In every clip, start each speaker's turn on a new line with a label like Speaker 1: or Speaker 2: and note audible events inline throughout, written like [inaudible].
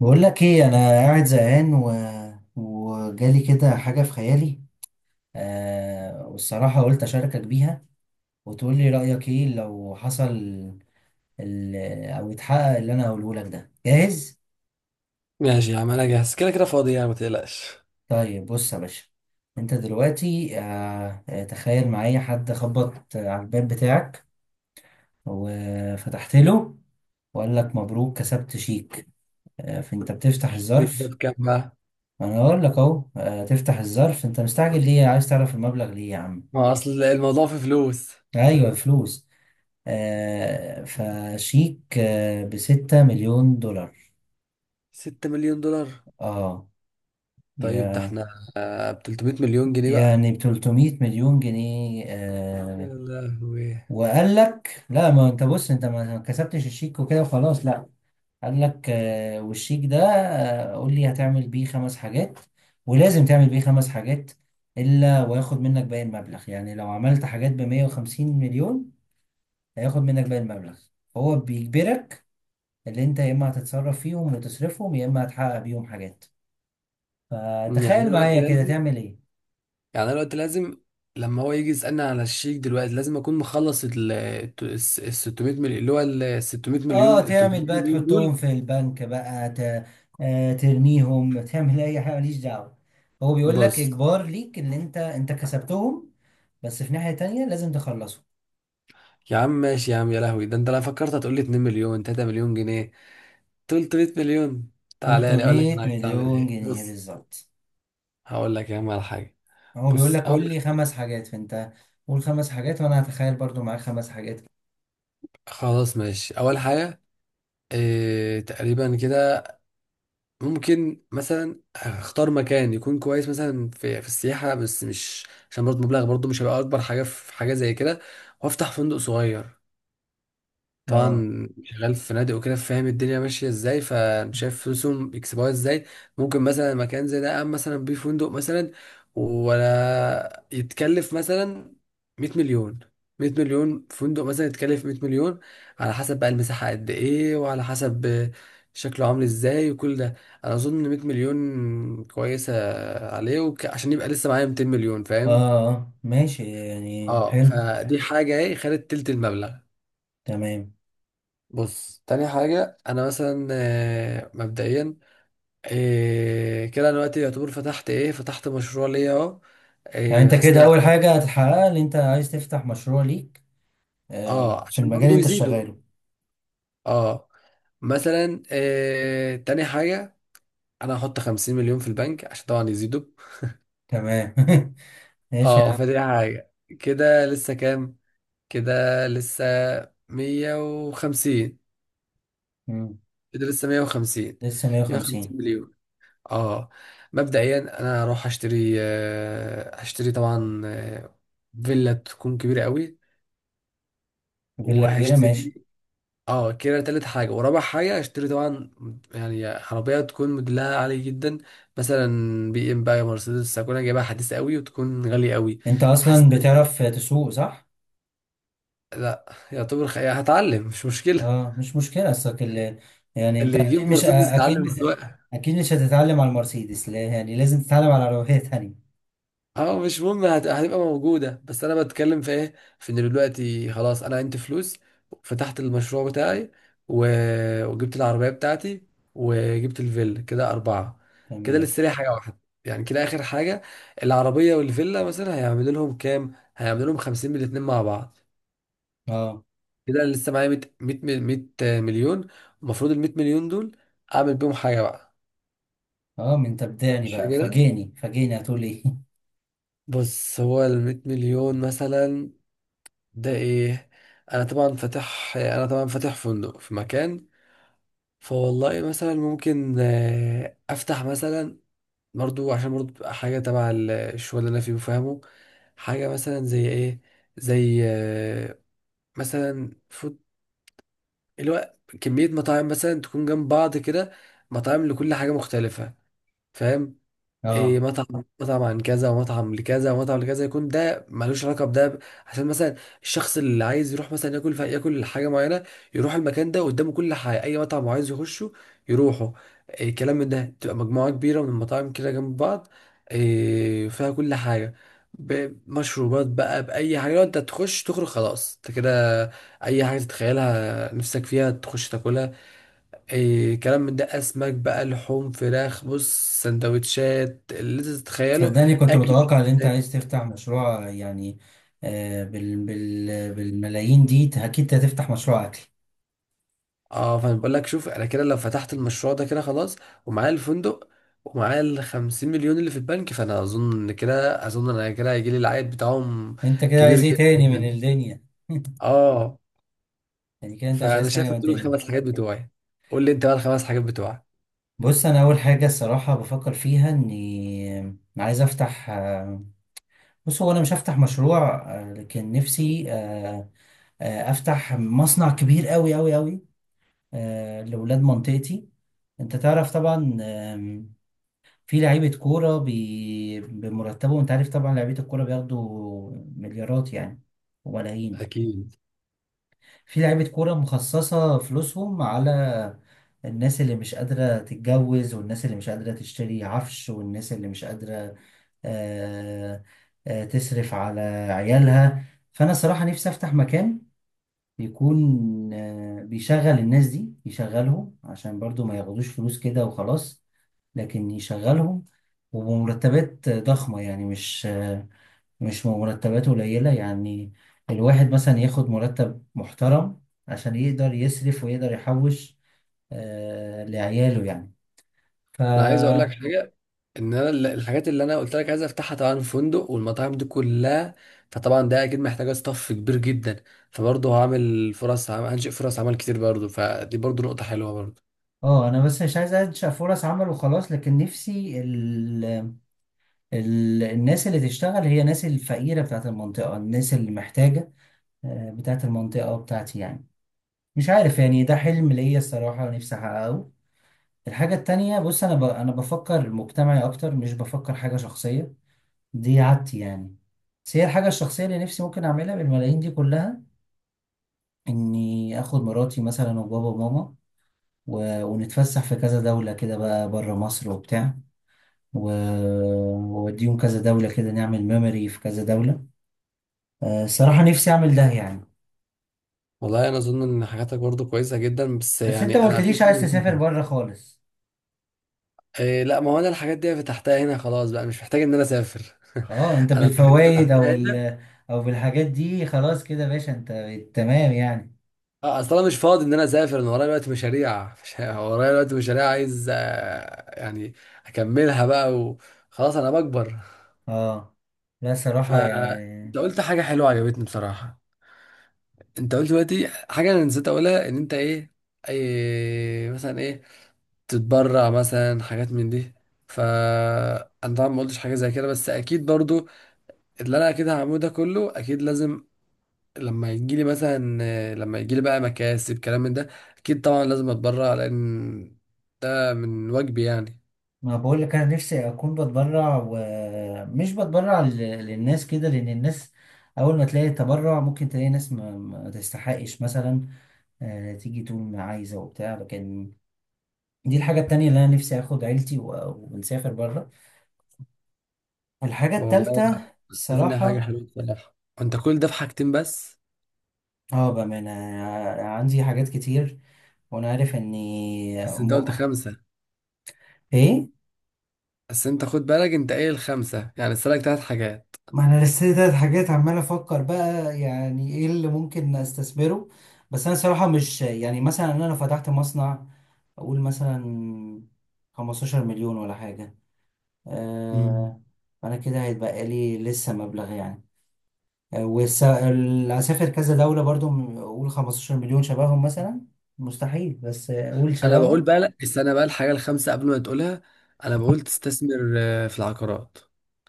Speaker 1: بقول لك ايه، انا قاعد زهقان وجالي كده حاجه في خيالي. والصراحه قلت اشاركك بيها وتقول لي رايك ايه لو حصل ال... او اتحقق. اللي انا هقوله لك ده جاهز.
Speaker 2: ماشي يا عم، انا جاهز، كده كده فاضي يعني، ما تقلقش.
Speaker 1: طيب بص يا باشا، انت دلوقتي تخيل معايا حد خبط على الباب بتاعك وفتحت له وقال لك: مبروك، كسبت شيك. فانت بتفتح
Speaker 2: ليك بقى
Speaker 1: الظرف.
Speaker 2: بكام بقى؟
Speaker 1: انا اقول لك اهو. تفتح الظرف، انت مستعجل ليه؟ عايز تعرف المبلغ ليه يا عم؟
Speaker 2: ما هو اصل الموضوع في فلوس.
Speaker 1: ايوه، فلوس. فشيك بستة مليون دولار.
Speaker 2: 6 مليون دولار؟
Speaker 1: اه.
Speaker 2: طيب، ده
Speaker 1: يا.
Speaker 2: احنا ب 300 مليون جنيه بقى.
Speaker 1: يعني ب 300 مليون جنيه
Speaker 2: يا
Speaker 1: آه
Speaker 2: لهوي.
Speaker 1: وقال لك لا، ما انت بص، انت ما كسبتش الشيك وكده وخلاص. لا، قال لك: والشيك ده، قول لي هتعمل بيه خمس حاجات، ولازم تعمل بيه خمس حاجات، الا وياخد منك باقي المبلغ. يعني لو عملت حاجات ب 150 مليون، هياخد منك باقي المبلغ. هو بيجبرك. اللي انت يا اما هتتصرف فيهم وتصرفهم، يا اما هتحقق بيهم حاجات.
Speaker 2: يعني انا
Speaker 1: فتخيل
Speaker 2: دلوقتي
Speaker 1: معايا كده
Speaker 2: لازم
Speaker 1: تعمل ايه؟
Speaker 2: يعني انا دلوقتي لازم لما هو يجي يسألني على الشيك دلوقتي، لازم اكون مخلص ال 600 مليون، اللي هو ال 600
Speaker 1: اه،
Speaker 2: مليون، ال
Speaker 1: تعمل
Speaker 2: 300
Speaker 1: بقى،
Speaker 2: مليون
Speaker 1: تحطهم
Speaker 2: دول.
Speaker 1: في البنك بقى، ت... آه ترميهم، تعمل اي حاجه، ماليش دعوه. هو بيقول لك
Speaker 2: بص
Speaker 1: اجبار ليك ان انت كسبتهم، بس في ناحيه تانية لازم تخلصهم.
Speaker 2: يا عم، ماشي يا عم، يا لهوي، ده انت لو فكرت هتقول لي 2 مليون، 3 مليون جنيه. 300 مليون. تعالى لي اقول لك
Speaker 1: 300
Speaker 2: انا عايز اعمل
Speaker 1: مليون
Speaker 2: ايه.
Speaker 1: جنيه
Speaker 2: بص،
Speaker 1: بالظبط.
Speaker 2: هقول لك يا عم على حاجة.
Speaker 1: هو بيقول
Speaker 2: بص،
Speaker 1: لك: قول
Speaker 2: أول،
Speaker 1: لي خمس حاجات. فانت قول خمس حاجات، وانا هتخيل برضو معاك خمس حاجات.
Speaker 2: خلاص ماشي، أول حاجة إيه تقريبا كده. ممكن مثلا اختار مكان يكون كويس، مثلا في السياحة، بس مش عشان برضه مبلغ برضه مش هيبقى أكبر حاجة في حاجة زي كده. وأفتح فندق صغير.
Speaker 1: اه
Speaker 2: طبعا شغال في فنادق وكده، فاهم الدنيا ماشيه ازاي، فشايف فلوسهم بيكسبوها ازاي. ممكن مثلا مكان زي ده قام مثلا بيه فندق مثلا، ولا يتكلف مثلا 100 مليون. 100 مليون، فندق مثلا يتكلف 100 مليون، على حسب بقى المساحه قد ايه وعلى حسب شكله عامل ازاي وكل ده. انا اظن 100 مليون كويسه عليه، عشان يبقى لسه معايا 200 مليون، فاهم.
Speaker 1: ماشي. يعني
Speaker 2: اه
Speaker 1: حلو.
Speaker 2: فدي حاجه، ايه، خدت تلت المبلغ.
Speaker 1: تمام.
Speaker 2: بص، تاني حاجة، أنا مثلا مبدئيا، كده، أنا دلوقتي يعتبر فتحت إيه، فتحت مشروع ليا أهو.
Speaker 1: يعني
Speaker 2: آه،
Speaker 1: انت
Speaker 2: حاسس
Speaker 1: كده
Speaker 2: إن أنا-
Speaker 1: اول حاجة هتحققها ان انت عايز تفتح مشروع ليك،
Speaker 2: أه
Speaker 1: في
Speaker 2: عشان
Speaker 1: المجال اللي
Speaker 2: برضو
Speaker 1: انت
Speaker 2: يزيدوا.
Speaker 1: شغاله.
Speaker 2: أه. مثلا تاني حاجة، أنا هحط 50 مليون في البنك عشان طبعا يزيدوا.
Speaker 1: تمام. [laughs] ماشي يا
Speaker 2: أه،
Speaker 1: عم.
Speaker 2: فدي حاجة. كده لسه كام؟ كده لسه مية وخمسين
Speaker 1: مم.
Speaker 2: كده لسه مية وخمسين
Speaker 1: لسه
Speaker 2: مية
Speaker 1: 150.
Speaker 2: وخمسين اه. مبدئيا انا هروح اشتري آه، هشتري طبعا فيلا تكون كبيره قوي،
Speaker 1: فيلا كبيرة، ماشي.
Speaker 2: وهشتري. اه، كده تالت حاجه ورابع حاجه، هشتري طبعا يعني عربيه تكون موديلها عالي جدا، مثلا بي ام بقى، مرسيدس. هكون أنا جايبها حديثه قوي وتكون غاليه قوي.
Speaker 1: انت
Speaker 2: حاسس
Speaker 1: اصلا
Speaker 2: إن-
Speaker 1: بتعرف تسوق صح؟
Speaker 2: لا، يعتبر هتعلم، مش مشكله.
Speaker 1: اه، مش مشكلة، اصلك يعني انت
Speaker 2: اللي يجيب
Speaker 1: اكيد، مش
Speaker 2: مرسيدس يتعلم
Speaker 1: اكيد.
Speaker 2: السواقه.
Speaker 1: اكيد مش هتتعلم على المرسيدس، لا. يعني لازم تتعلم على عربية [laughs] تانية.
Speaker 2: اه، مش مهم، هتبقى موجودة، بس انا بتكلم في ايه، في ان دلوقتي خلاص انا عندي فلوس، فتحت المشروع بتاعي، وجبت العربية بتاعتي، وجبت الفيلا، كده اربعة. كده
Speaker 1: تمام.
Speaker 2: لسه لي حاجة واحدة، يعني كده اخر حاجة. العربية والفيلا مثلا هيعملوا لهم كام؟ هيعملوا لهم خمسين من الاتنين مع بعض.
Speaker 1: اه.
Speaker 2: كده انا لسه معايا ميت مليون. المفروض الميت مليون دول اعمل بيهم حاجة بقى.
Speaker 1: اه من تبدعني
Speaker 2: مش
Speaker 1: بقى،
Speaker 2: كده؟
Speaker 1: فاجئني فاجئني، هتقول ايه؟ [laughs]
Speaker 2: بص، هو الميت مليون مثلا ده ايه. انا طبعا فاتح فندق في مكان. فوالله مثلا ممكن افتح مثلا، برضو عشان برضو تبقى حاجه تبع الشغل اللي انا فيه بفهمه، حاجه مثلا زي ايه. زي مثلا فود، اللي هو كميه مطاعم مثلا تكون جنب بعض كده. مطاعم لكل حاجه مختلفه، فاهم. إيه،
Speaker 1: اه
Speaker 2: مطعم. مطعم عن كذا، ومطعم لكذا، ومطعم لكذا، يكون ده ملوش علاقه بده عشان مثلا الشخص اللي عايز يروح مثلا ياكل، ياكل حاجه معينه، يروح المكان ده قدامه كل حاجه، اي مطعم عايز يخشه، يروحه. إيه كلام من ده، تبقى مجموعه كبيره من المطاعم كده جنب بعض، إيه فيها كل حاجه بمشروبات بقى، باي حاجه. لو انت تخش تخرج خلاص انت كده، اي حاجه تتخيلها نفسك فيها تخش تاكلها. إيه كلام من ده، اسماك بقى، لحوم، فراخ، بص، سندوتشات، اللي انت تتخيله،
Speaker 1: صدقني، كنت
Speaker 2: اكل.
Speaker 1: متوقع ان انت عايز تفتح مشروع. يعني بالملايين دي، اكيد هتفتح مشروع اكل.
Speaker 2: اه فانا بقول لك شوف، انا كده لو فتحت المشروع ده كده خلاص، ومعايا الفندق، ومعايا ال 50 مليون اللي في البنك، فانا اظن ان كده، اظن انا كده هيجي لي العائد بتاعهم
Speaker 1: انت كده
Speaker 2: كبير
Speaker 1: عايز ايه
Speaker 2: جدا
Speaker 1: تاني من
Speaker 2: يعني.
Speaker 1: الدنيا؟ [laughs]
Speaker 2: اه،
Speaker 1: يعني كده انت مش
Speaker 2: فانا
Speaker 1: عايز حاجه
Speaker 2: شايف
Speaker 1: من
Speaker 2: إن دول
Speaker 1: الدنيا.
Speaker 2: الخمس حاجات بتوعي. قول لي انت بقى الخمس حاجات بتوعك.
Speaker 1: بص، انا اول حاجه الصراحه بفكر فيها اني عايز افتح. بص، هو انا مش هفتح مشروع. لكن نفسي، افتح مصنع كبير قوي قوي قوي لاولاد منطقتي. انت تعرف طبعا، في لعيبة كورة بمرتبهم انت عارف طبعا. لعيبة الكورة بياخدوا مليارات يعني وملايين.
Speaker 2: اكيد.
Speaker 1: في لعيبة كورة مخصصة فلوسهم على الناس اللي مش قادرة تتجوز، والناس اللي مش قادرة تشتري عفش، والناس اللي مش قادرة آه... تصرف على عيالها. فأنا صراحة نفسي أفتح مكان يكون بيشغل الناس دي، يشغلهم عشان برضو ما ياخدوش فلوس كده وخلاص، لكن يشغلهم، وبمرتبات ضخمة. يعني مش مرتبات قليلة. يعني الواحد مثلا ياخد مرتب محترم عشان يقدر يصرف ويقدر يحوش لعياله يعني. ف
Speaker 2: انا عايز اقول لك حاجه، ان انا الحاجات اللي انا قلت لك عايز افتحها، طبعا فندق والمطاعم دي كلها، فطبعا ده اكيد محتاجه ستاف كبير جدا، فبرضه هنشئ فرص عمل كتير برضه، فدي برضه نقطه حلوه برضه.
Speaker 1: اه، انا بس مش عايز انشأ فرص عمل وخلاص، لكن نفسي الناس اللي تشتغل هي الناس الفقيرة بتاعت المنطقة، الناس اللي محتاجة، بتاعت المنطقة بتاعتي يعني. مش عارف، يعني ده حلم ليا الصراحة نفسي أحققه. الحاجة التانية: بص، أنا بفكر مجتمعي أكتر، مش بفكر حاجة شخصية، دي عادتي يعني. بس هي الحاجة الشخصية اللي نفسي ممكن أعملها بالملايين دي كلها إني آخد مراتي مثلا وبابا وماما ونتفسح في كذا دولة كده بقى بره مصر وبتاع و... وأوديهم كذا دولة كده، نعمل ميموري في كذا دولة. الصراحة نفسي أعمل ده يعني.
Speaker 2: والله انا اظن ان حاجاتك برضه كويسه جدا، بس
Speaker 1: بس أنت ما
Speaker 2: يعني انا في
Speaker 1: قلتليش
Speaker 2: حاجه
Speaker 1: عايز تسافر
Speaker 2: نسيتها.
Speaker 1: بره خالص؟
Speaker 2: إيه، لا، ما هو انا الحاجات دي فتحتها هنا خلاص بقى، مش محتاج ان انا اسافر.
Speaker 1: أه، أنت
Speaker 2: [laughs] انا الحاجات دي
Speaker 1: بالفوايد أو
Speaker 2: فتحتها هنا.
Speaker 1: أو بالحاجات دي خلاص كده يا باشا، أنت تمام يعني.
Speaker 2: اه، اصل انا مش فاضي ان انا اسافر، انا ورايا دلوقتي مشاريع مش- ورايا دلوقتي مشاريع، عايز يعني اكملها بقى خلاص، انا بكبر.
Speaker 1: اه. لا صراحة
Speaker 2: فانت
Speaker 1: يعني.
Speaker 2: قلت حاجة حلوة عجبتني بصراحة، انت قلت دلوقتي حاجة انا نسيت اقولها، ان انت ايه، اي مثلا ايه، تتبرع مثلا حاجات من دي. فانا طبعا ما قلتش حاجة زي كده، بس اكيد برضو اللي انا اكيد هعمله ده كله اكيد لازم، لما يجيلي بقى مكاسب كلام من ده، اكيد طبعا لازم اتبرع، لان ده من واجبي يعني.
Speaker 1: ما بقول لك انا نفسي اكون بتبرع ومش بتبرع للناس كده، لان الناس اول ما تلاقي تبرع ممكن تلاقي ناس ما تستحقش مثلا. تيجي تقول ما عايزة وبتاع لكن. دي الحاجة التانية اللي انا نفسي اخد عيلتي ونسافر بره. الحاجة
Speaker 2: والله
Speaker 1: التالتة
Speaker 2: انا شايف انها حاجة
Speaker 1: الصراحة.
Speaker 2: حلوة بصراحة، وانت كل ده في حاجتين بس.
Speaker 1: اه، بأمانة أنا عندي حاجات كتير، وانا عارف اني
Speaker 2: بس انت قلت خمسة.
Speaker 1: ايه؟
Speaker 2: بس انت خد بالك انت قايل الخمسه، يعني اسالك ثلاث حاجات.
Speaker 1: ما انا لسه تلات حاجات عمال افكر بقى يعني ايه اللي ممكن استثمره. بس انا صراحة مش. يعني مثلا انا لو فتحت مصنع، اقول مثلا 15 مليون ولا حاجة،
Speaker 2: مم.
Speaker 1: آه انا كده هيتبقى لي لسه مبلغ يعني. هسافر كذا دولة برضو. اقول 15 مليون شبههم مثلا مستحيل، بس اقول
Speaker 2: انا بقول
Speaker 1: شبههم.
Speaker 2: بقى، لا، استنى بقى الحاجه الخامسه قبل ما تقولها. انا بقول تستثمر في العقارات،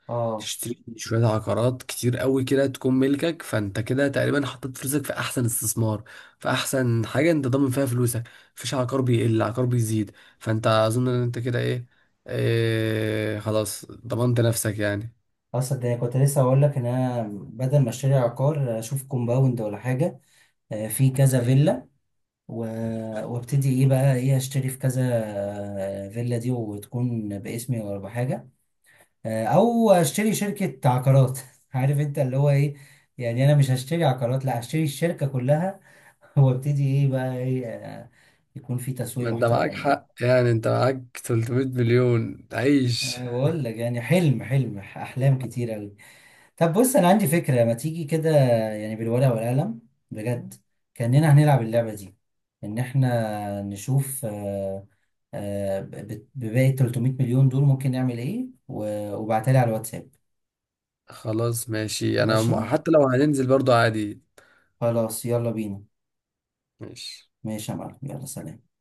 Speaker 1: اه،
Speaker 2: تشتري شويه عقارات كتير قوي كده تكون ملكك، فانت كده تقريبا حطيت فلوسك في احسن استثمار، في احسن حاجه انت ضامن فيها فلوسك. مفيش عقار بيقل، عقار بيزيد. فانت اظن ان انت كده ايه، إيه خلاص ضمنت نفسك يعني.
Speaker 1: اصل ده كنت لسه اقول لك ان انا بدل ما اشتري عقار اشوف كومباوند ولا حاجة، في كذا فيلا و... وابتدي ايه بقى، ايه، اشتري في كذا فيلا دي وتكون باسمي ولا بحاجه، او اشتري شركه عقارات. [laughs] عارف انت اللي هو ايه، يعني انا مش هشتري عقارات، لا، هشتري الشركه كلها. [laughs] وابتدي ايه بقى، ايه، يكون في تسويق
Speaker 2: ما انت معاك
Speaker 1: محترم يعني.
Speaker 2: حق يعني، انت معاك 300 مليون، عيش.
Speaker 1: أه، بقول لك، يعني حلم، حلم، احلام كتير قوي. طب بص، انا عندي فكره، ما تيجي كده يعني بالورقه والقلم بجد، كاننا هنلعب اللعبه دي، ان احنا نشوف بباقي 300 مليون دول ممكن نعمل ايه، وابعتها لي على الواتساب.
Speaker 2: خلاص ماشي، انا
Speaker 1: ماشي.
Speaker 2: حتى لو هننزل برضو عادي.
Speaker 1: خلاص، يلا بينا.
Speaker 2: ماشي.
Speaker 1: ماشي. يا معلم، يلا سلام.